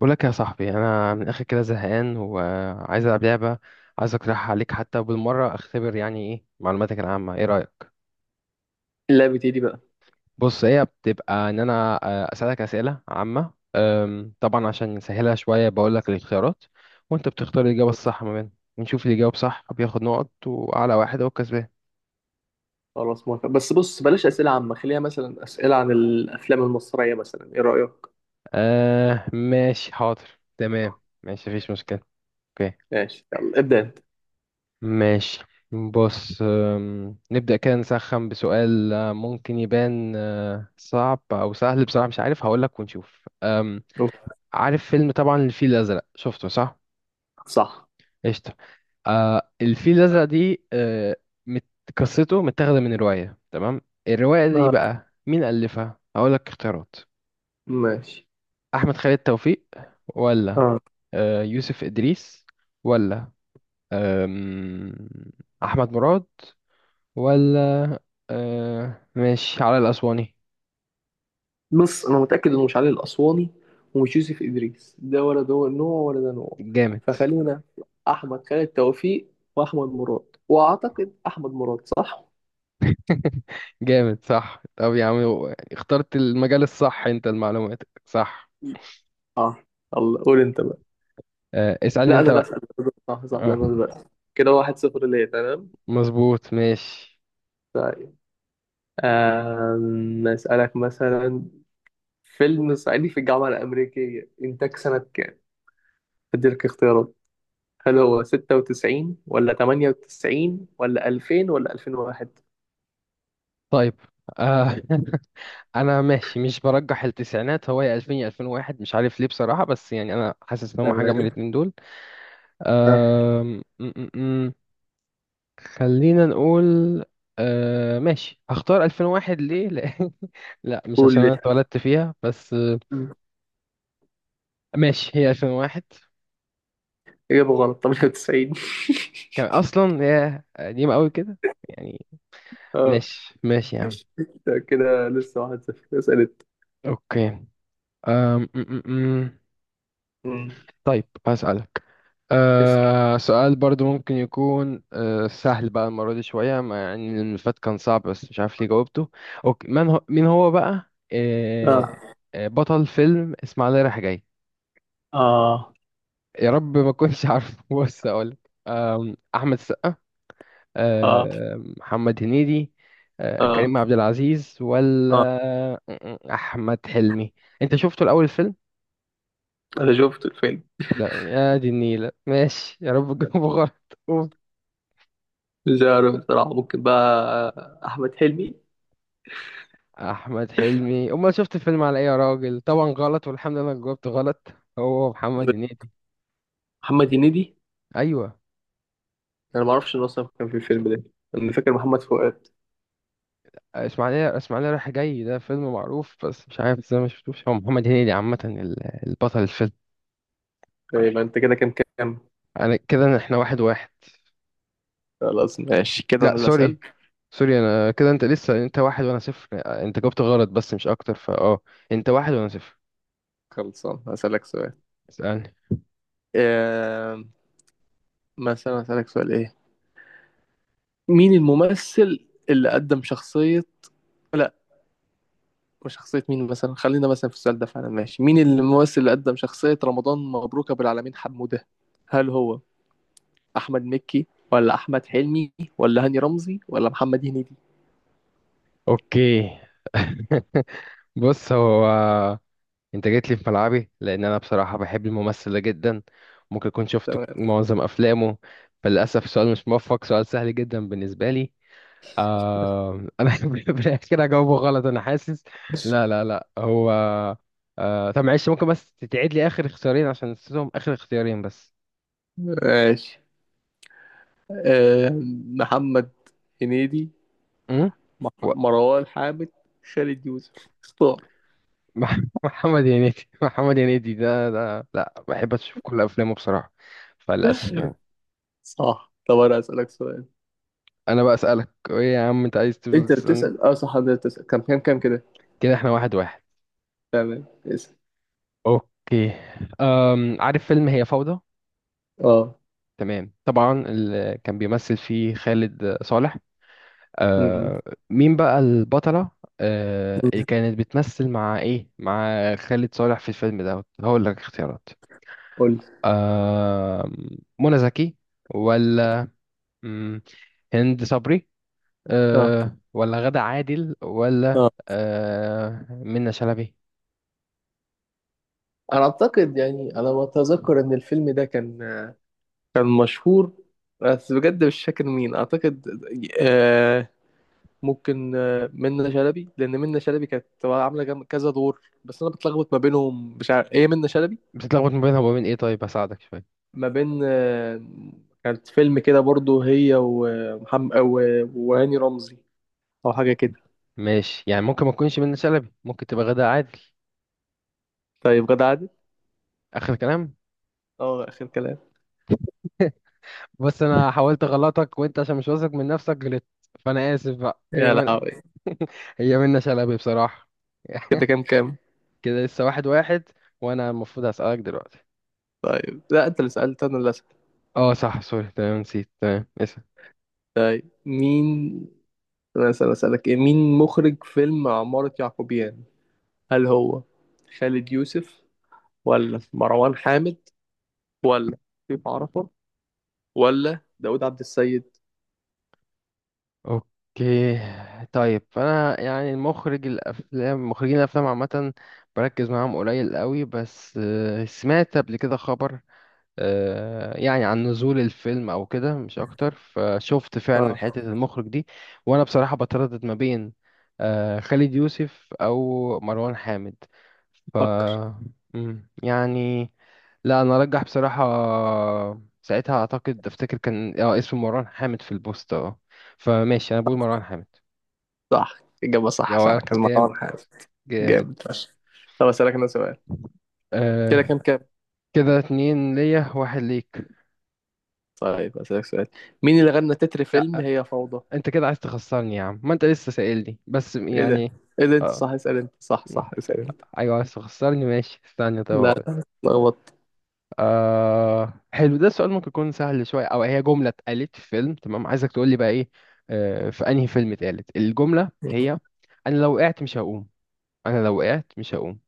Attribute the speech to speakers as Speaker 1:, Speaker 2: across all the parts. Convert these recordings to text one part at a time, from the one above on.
Speaker 1: بقول لك يا صاحبي انا من الاخر كده زهقان وعايز العب لعبه. عايز اقترحها عليك حتى بالمره اختبر يعني ايه معلوماتك العامه، ايه رايك؟
Speaker 2: اللعبة ايه دي بقى؟
Speaker 1: بص هي بتبقى ان انا اسالك اسئله عامه، طبعا عشان نسهلها شويه بقول لك الاختيارات وانت بتختار الاجابه الصح ما بينهم ونشوف اللي يجاوب صح بياخد نقط واعلى واحد هو الكسبان.
Speaker 2: خلاص موافق، بس بص بلاش أسئلة عامة، خليها مثلا أسئلة عن الأفلام المصرية، مثلا إيه رأيك؟
Speaker 1: آه ماشي حاضر. تمام. ماشي مفيش مشكله. اوكي.
Speaker 2: ماشي يلا ابدأ أنت.
Speaker 1: ماشي. بص، نبدأ كده نسخن بسؤال ممكن يبان صعب أو سهل، بصراحة مش عارف هقولك ونشوف. عارف فيلم طبعا الفيل الأزرق، شفته صح؟
Speaker 2: صح.
Speaker 1: قشطة. الفيل الأزرق دي مت- قصته متاخدة من رواية، تمام. الرواية دي
Speaker 2: آه.
Speaker 1: بقى مين ألفها؟ هقولك اختيارات.
Speaker 2: ماشي.
Speaker 1: أحمد خالد توفيق ولا
Speaker 2: آه.
Speaker 1: يوسف إدريس ولا أم، أحمد مراد ولا آه ماشي على الأسواني.
Speaker 2: بص، أنا متأكد إنه مش علي الأسواني ومش يوسف إدريس، ده ولا ده نوع ولا ده نوع.
Speaker 1: جامد.
Speaker 2: فخلينا في أحمد خالد توفيق وأحمد مراد، وأعتقد أحمد مراد، صح؟
Speaker 1: جامد صح، طب يا عم اخترت المجال الصح، انت المعلومات صح.
Speaker 2: آه. الله، قول أنت بقى.
Speaker 1: آه اسألني
Speaker 2: لا، أنا
Speaker 1: انت
Speaker 2: اللي
Speaker 1: بقى.
Speaker 2: أسأل. صح صح، ده
Speaker 1: آه
Speaker 2: أنا بقى. كده واحد صفر، ليه؟ تمام؟
Speaker 1: مظبوط ماشي.
Speaker 2: طيب. أسألك مثلا فيلم صعيدي في الجامعة الأمريكية إنتاج سنة كام؟ أديلك اختيارات. هل هو 96 ولا 98 ولا 2000 ولا 2001؟
Speaker 1: طيب. آه. انا ماشي مش برجح التسعينات، هو يا 2000 يا 2001، مش عارف ليه بصراحة، بس يعني انا حاسس ان هم حاجة من
Speaker 2: تمام.
Speaker 1: الاتنين دول.
Speaker 2: ها،
Speaker 1: آه خلينا نقول، آه ماشي هختار 2001. ليه؟ لأ، لا مش
Speaker 2: قول
Speaker 1: عشان
Speaker 2: لي.
Speaker 1: انا اتولدت فيها، بس.
Speaker 2: مم.
Speaker 1: ماشي هي 2001.
Speaker 2: إجابة غلط، 98.
Speaker 1: كان اصلا هي قديمة قوي كده يعني.
Speaker 2: اه،
Speaker 1: ماشي ماشي يا عم.
Speaker 2: ده كده لسه واحد صفر اسألت.
Speaker 1: اوكي. أم م -م -م.
Speaker 2: مم.
Speaker 1: طيب هسألك
Speaker 2: اسأل.
Speaker 1: أه سؤال برضو ممكن يكون أه سهل بقى المرة دي شوية، مع يعني إن اللي فات كان صعب بس مش عارف ليه جاوبته. اوكي، من هو مين هو بقى أه
Speaker 2: اه
Speaker 1: آه، بطل فيلم اسماعيلية رايح جاي؟
Speaker 2: اه
Speaker 1: يا رب ما كنتش عارف. بص اقول احمد السقا،
Speaker 2: اه
Speaker 1: محمد هنيدي،
Speaker 2: اه
Speaker 1: كريم عبد العزيز، ولا
Speaker 2: اه،
Speaker 1: احمد حلمي. انت شفته الاول الفيلم؟
Speaker 2: انا شفت الفيلم.
Speaker 1: لا يا دي النيلة، ماشي يا رب تجاوبه غلط. أوف.
Speaker 2: مش عارف بصراحة، ممكن بقى احمد حلمي.
Speaker 1: احمد حلمي؟ امال شفت الفيلم على ايه يا راجل؟ طبعا غلط، والحمد لله انك جاوبت غلط، هو محمد هنيدي.
Speaker 2: محمد هنيدي؟
Speaker 1: ايوه.
Speaker 2: انا ما اعرفش ان اصلا كان في الفيلم ده. انا فاكر محمد فؤاد.
Speaker 1: اسماعيليه رايح جاي ده فيلم معروف، بس مش عارف ازاي ما شفتوش. هو محمد هنيدي عامه البطل الفيلم.
Speaker 2: يبقى انت كده كام كام؟
Speaker 1: انا كده احنا واحد واحد.
Speaker 2: خلاص ماشي كده،
Speaker 1: لا
Speaker 2: انا اللي
Speaker 1: سوري،
Speaker 2: اسال.
Speaker 1: سوري انا كده انت لسه، انت واحد وانا صفر، انت جاوبت غلط بس مش اكتر فاه. انت واحد وانا صفر.
Speaker 2: خلصان هسالك سؤال.
Speaker 1: اسألني.
Speaker 2: آم، مثلا هسالك سؤال ايه. مين الممثل اللي قدم شخصية؟ لا، مش شخصية مين، مثلا خلينا مثلا في السؤال ده فعلا ماشي، مين الممثل اللي قدم شخصية رمضان مبروك أبو العالمين حمودة؟ هل هو أحمد مكي، ولا أحمد حلمي، ولا هاني رمزي، ولا محمد هنيدي؟
Speaker 1: اوكي. بص هو، انت جيت لي في ملعبي لان انا بصراحة بحب الممثل ده جدا، ممكن اكون شفت
Speaker 2: تمام.
Speaker 1: معظم افلامه. فللاسف السؤال مش موفق، سؤال سهل جدا بالنسبة لي. آه انا بالعكس كده هجاوبه غلط انا حاسس. لا هو آه، طب معلش ممكن بس تعيد لي اخر اختيارين عشان نسيتهم، اخر اختيارين بس.
Speaker 2: ماشي. محمد هنيدي،
Speaker 1: امم. و...
Speaker 2: مروان حامد، خالد يوسف. اختار.
Speaker 1: محمد هنيدي ده لا بحب اشوف كل افلامه بصراحة، فللاسف يعني.
Speaker 2: صح، طب انا اسالك سؤال.
Speaker 1: انا بقى اسالك، ايه يا عم انت عايز تفضل
Speaker 2: انت
Speaker 1: تسالني؟
Speaker 2: بتسال، اه، صح انت بتسال، كم كم كم كده؟
Speaker 1: كده احنا واحد واحد.
Speaker 2: تمام، اسال.
Speaker 1: اوكي، أم عارف فيلم هي فوضى؟
Speaker 2: اه.
Speaker 1: تمام طبعا اللي كان بيمثل فيه خالد صالح.
Speaker 2: أمم.
Speaker 1: آه، مين بقى البطلة؟ آه اللي
Speaker 2: أمم.
Speaker 1: كانت بتمثل مع ايه مع خالد صالح في الفيلم ده؟ هقول لك اختيارات.
Speaker 2: قول لي.
Speaker 1: آه منى زكي، ولا مم، هند صبري،
Speaker 2: اه.
Speaker 1: آه ولا غادة عادل، ولا
Speaker 2: اه.
Speaker 1: آه منى شلبي.
Speaker 2: انا اعتقد، يعني انا ما اتذكر ان الفيلم ده كان مشهور، بس بجد مش فاكر مين، اعتقد آه. ممكن منة شلبي، لان منة شلبي كانت عامله كذا دور، بس انا بتلخبط ما بينهم، مش عارف ايه منة شلبي.
Speaker 1: بتتلخبط ما بينها وبين ايه؟ طيب هساعدك شوية.
Speaker 2: ما بين كانت فيلم كده برضو هي ومحمد، وهاني رمزي، او حاجه كده.
Speaker 1: ماشي، يعني ممكن ما تكونش منى شلبي، ممكن تبقى غادة عادل؟
Speaker 2: طيب غدا عادل.
Speaker 1: اخر كلام.
Speaker 2: اه، اخر كلام.
Speaker 1: بس انا حاولت اغلطك وانت عشان مش واثق من نفسك غلطت. فانا اسف بقى، هي،
Speaker 2: يا لهوي.
Speaker 1: هي منة شلبي بصراحة.
Speaker 2: كده كام كام؟
Speaker 1: كده لسه واحد واحد، وأنا المفروض هسألك دلوقتي.
Speaker 2: طيب لا، انت اللي سالت، انا اللي اسال.
Speaker 1: اه صح سوري تمام نسيت، تمام اسأل.
Speaker 2: مين؟ انا اسال اسالك ايه مين مخرج فيلم عمارة يعقوبيان؟ هل هو خالد يوسف، ولا مروان حامد، ولا شريف عرفة، ولا داود عبد السيد؟
Speaker 1: اوكي. طيب فأنا يعني المخرج الأفلام مخرجين الأفلام عامة بركز معاهم قليل قوي، بس آه، سمعت قبل كده خبر يعني عن نزول الفيلم او كده مش اكتر، فشفت فعلا حتة
Speaker 2: اه،
Speaker 1: المخرج دي. وانا بصراحة بتردد ما بين خالد يوسف او مروان حامد. ف
Speaker 2: فكر.
Speaker 1: يعني لا انا ارجح بصراحة، ساعتها اعتقد افتكر كان اه اسم مروان حامد في البوست اه. فماشي انا بقول مروان حامد.
Speaker 2: صح، اجابه صح،
Speaker 1: يا
Speaker 2: فعلا كان
Speaker 1: جامد،
Speaker 2: مروان حامد.
Speaker 1: جامد.
Speaker 2: جامد فشخ. طب اسالك انا سؤال. كده
Speaker 1: آه
Speaker 2: كام كام؟
Speaker 1: كده اتنين ليا واحد ليك.
Speaker 2: طيب أسألك سؤال. مين اللي غنى تتر فيلم
Speaker 1: لا
Speaker 2: هي فوضى؟
Speaker 1: انت كده عايز تخسرني يا عم، ما انت لسه سائلني بس
Speaker 2: ايه ده؟
Speaker 1: يعني.
Speaker 2: ايه ده انت
Speaker 1: اه
Speaker 2: صح، اسأل انت، صح
Speaker 1: م.
Speaker 2: صح، اسأل انت.
Speaker 1: ايوه عايز تخسرني، ماشي استنى طب
Speaker 2: لا
Speaker 1: اقول.
Speaker 2: لا، اتلخبطت.
Speaker 1: آه حلو ده السؤال ممكن يكون سهل شويه، او هي جمله اتقالت في فيلم تمام، عايزك تقول لي بقى. ايه في انهي فيلم اتقالت الجمله؟ هي انا لو وقعت مش هقوم، انا لو وقعت مش هقوم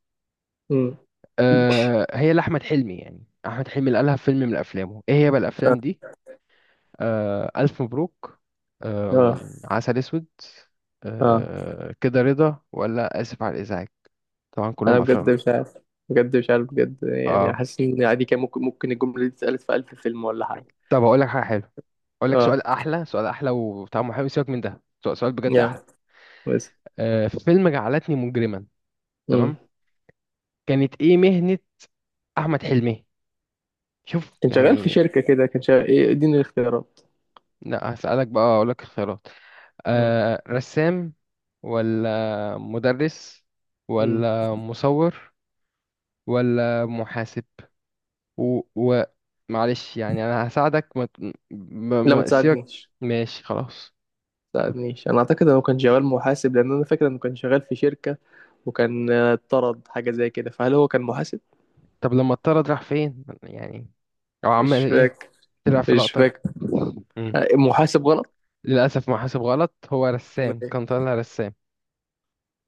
Speaker 2: أمم.
Speaker 1: آه هي لاحمد حلمي، يعني احمد حلمي اللي قالها في فيلم من افلامه، ايه هي بقى
Speaker 2: اه.
Speaker 1: الافلام دي؟ آه ألف مبروك،
Speaker 2: اه.
Speaker 1: عسل أسود،
Speaker 2: آه.
Speaker 1: آه كده رضا، ولا آسف على الإزعاج. طبعا
Speaker 2: انا
Speaker 1: كلهم
Speaker 2: بجد
Speaker 1: أفلام.
Speaker 2: مش عارف. بجد مش عارف، بجد يعني
Speaker 1: آه
Speaker 2: حاسس ان عادي كان ممكن الجملة دي اتسألت في ألف فيلم ولا حاجة.
Speaker 1: طب هقول لك حاجة حلوة، أقول لك
Speaker 2: اه،
Speaker 1: سؤال أحلى، وطعمه حلو، سيبك من ده، سؤال بجد أحلى.
Speaker 2: يا بس.
Speaker 1: آه فيلم جعلتني مجرما،
Speaker 2: أمم.
Speaker 1: تمام، كانت إيه مهنة أحمد حلمي؟ شوف
Speaker 2: كان شغال في
Speaker 1: يعني.
Speaker 2: شركة كده، كان شغال ايه؟ اديني الاختيارات.
Speaker 1: لا هسألك بقى، أقول لك الخيارات.
Speaker 2: أمم.
Speaker 1: آه رسام، ولا مدرس،
Speaker 2: أمم.
Speaker 1: ولا مصور، ولا محاسب. و... و... معلش يعني انا هساعدك
Speaker 2: لا، ما
Speaker 1: ما سيبك.
Speaker 2: تساعدنيش.
Speaker 1: ماشي خلاص.
Speaker 2: ما تساعدنيش، انا اعتقد انه كان شغال محاسب لان انا فاكر انه كان شغال في شركة، وكان اتطرد حاجة زي كده، فهل هو كان محاسب؟
Speaker 1: طب لما اضطرد راح فين يعني، او عمل
Speaker 2: مش
Speaker 1: ايه؟
Speaker 2: فاكر.
Speaker 1: طلع في
Speaker 2: مش
Speaker 1: لقطة.
Speaker 2: فاكر.
Speaker 1: مم.
Speaker 2: محاسب غلط؟
Speaker 1: للاسف ما حسب غلط، هو
Speaker 2: أمال
Speaker 1: رسام،
Speaker 2: إيه؟
Speaker 1: كان طالع رسام.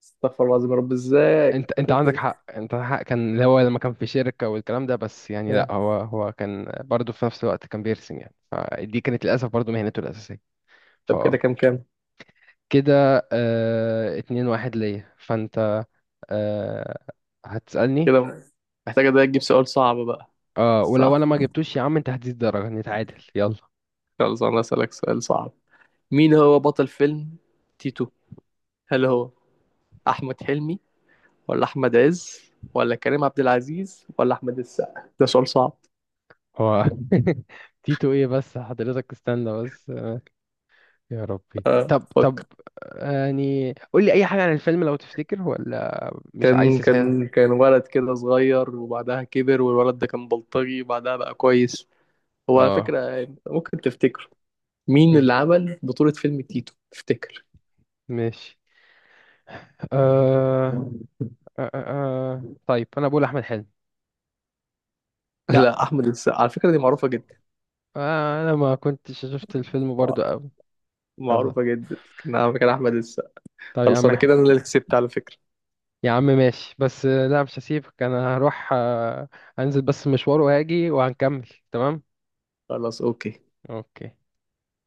Speaker 2: استغفر الله العظيم، يا رب ازاي
Speaker 1: انت
Speaker 2: كنت
Speaker 1: انت
Speaker 2: فاكر
Speaker 1: عندك
Speaker 2: كده.
Speaker 1: حق، انت حق كان اللي هو لما كان في شركة والكلام ده، بس يعني
Speaker 2: آه.
Speaker 1: لا هو كان برضه في نفس الوقت كان بيرسم يعني، فدي كانت للاسف برضه مهنته الاساسية. ف
Speaker 2: طب كده كام كام؟
Speaker 1: كده اه... اتنين واحد ليا فانت آه، هتسألني.
Speaker 2: كده محتاجة ده تجيب سؤال صعب بقى.
Speaker 1: اه، ولو انا
Speaker 2: صح؟
Speaker 1: ما جبتوش يا عم انت هتزيد درجة نتعادل يلا.
Speaker 2: خلاص أنا أسألك سؤال صعب. مين هو بطل فيلم تيتو؟ هل هو أحمد حلمي، ولا أحمد عز، ولا كريم عبد العزيز، ولا أحمد السقا؟ ده سؤال صعب.
Speaker 1: هو تيتو ايه بس حضرتك؟ استنى بس، يا ربي
Speaker 2: آه،
Speaker 1: طب طب،
Speaker 2: فكر.
Speaker 1: يعني قول لي اي حاجة عن الفيلم لو تفتكر، ولا مش عايز
Speaker 2: كان
Speaker 1: تسهل؟
Speaker 2: كان كان ولد كده صغير، وبعدها كبر والولد ده كان بلطجي، وبعدها بقى كويس. هو على
Speaker 1: اه.
Speaker 2: فكرة يعني ممكن تفتكر؟ مين
Speaker 1: مم.
Speaker 2: اللي عمل بطولة فيلم تيتو تفتكر؟
Speaker 1: ماشي، آه... طيب انا بقول احمد حلمي. لا.
Speaker 2: لا، أحمد السقا، على فكرة دي معروفة جدا.
Speaker 1: آه انا ما كنتش شفت الفيلم برضو قوي. يلا.
Speaker 2: معروفة جدا. نعم، كان أحمد السقا.
Speaker 1: طب يا
Speaker 2: خلاص،
Speaker 1: عم،
Speaker 2: أنا كده أنا اللي كسبت على فكرة.
Speaker 1: يا عم ماشي، بس آه، لا مش هسيبك، انا هروح انزل بس مشوار وهاجي وهنكمل تمام.
Speaker 2: خلاص أوكي.
Speaker 1: اوكي.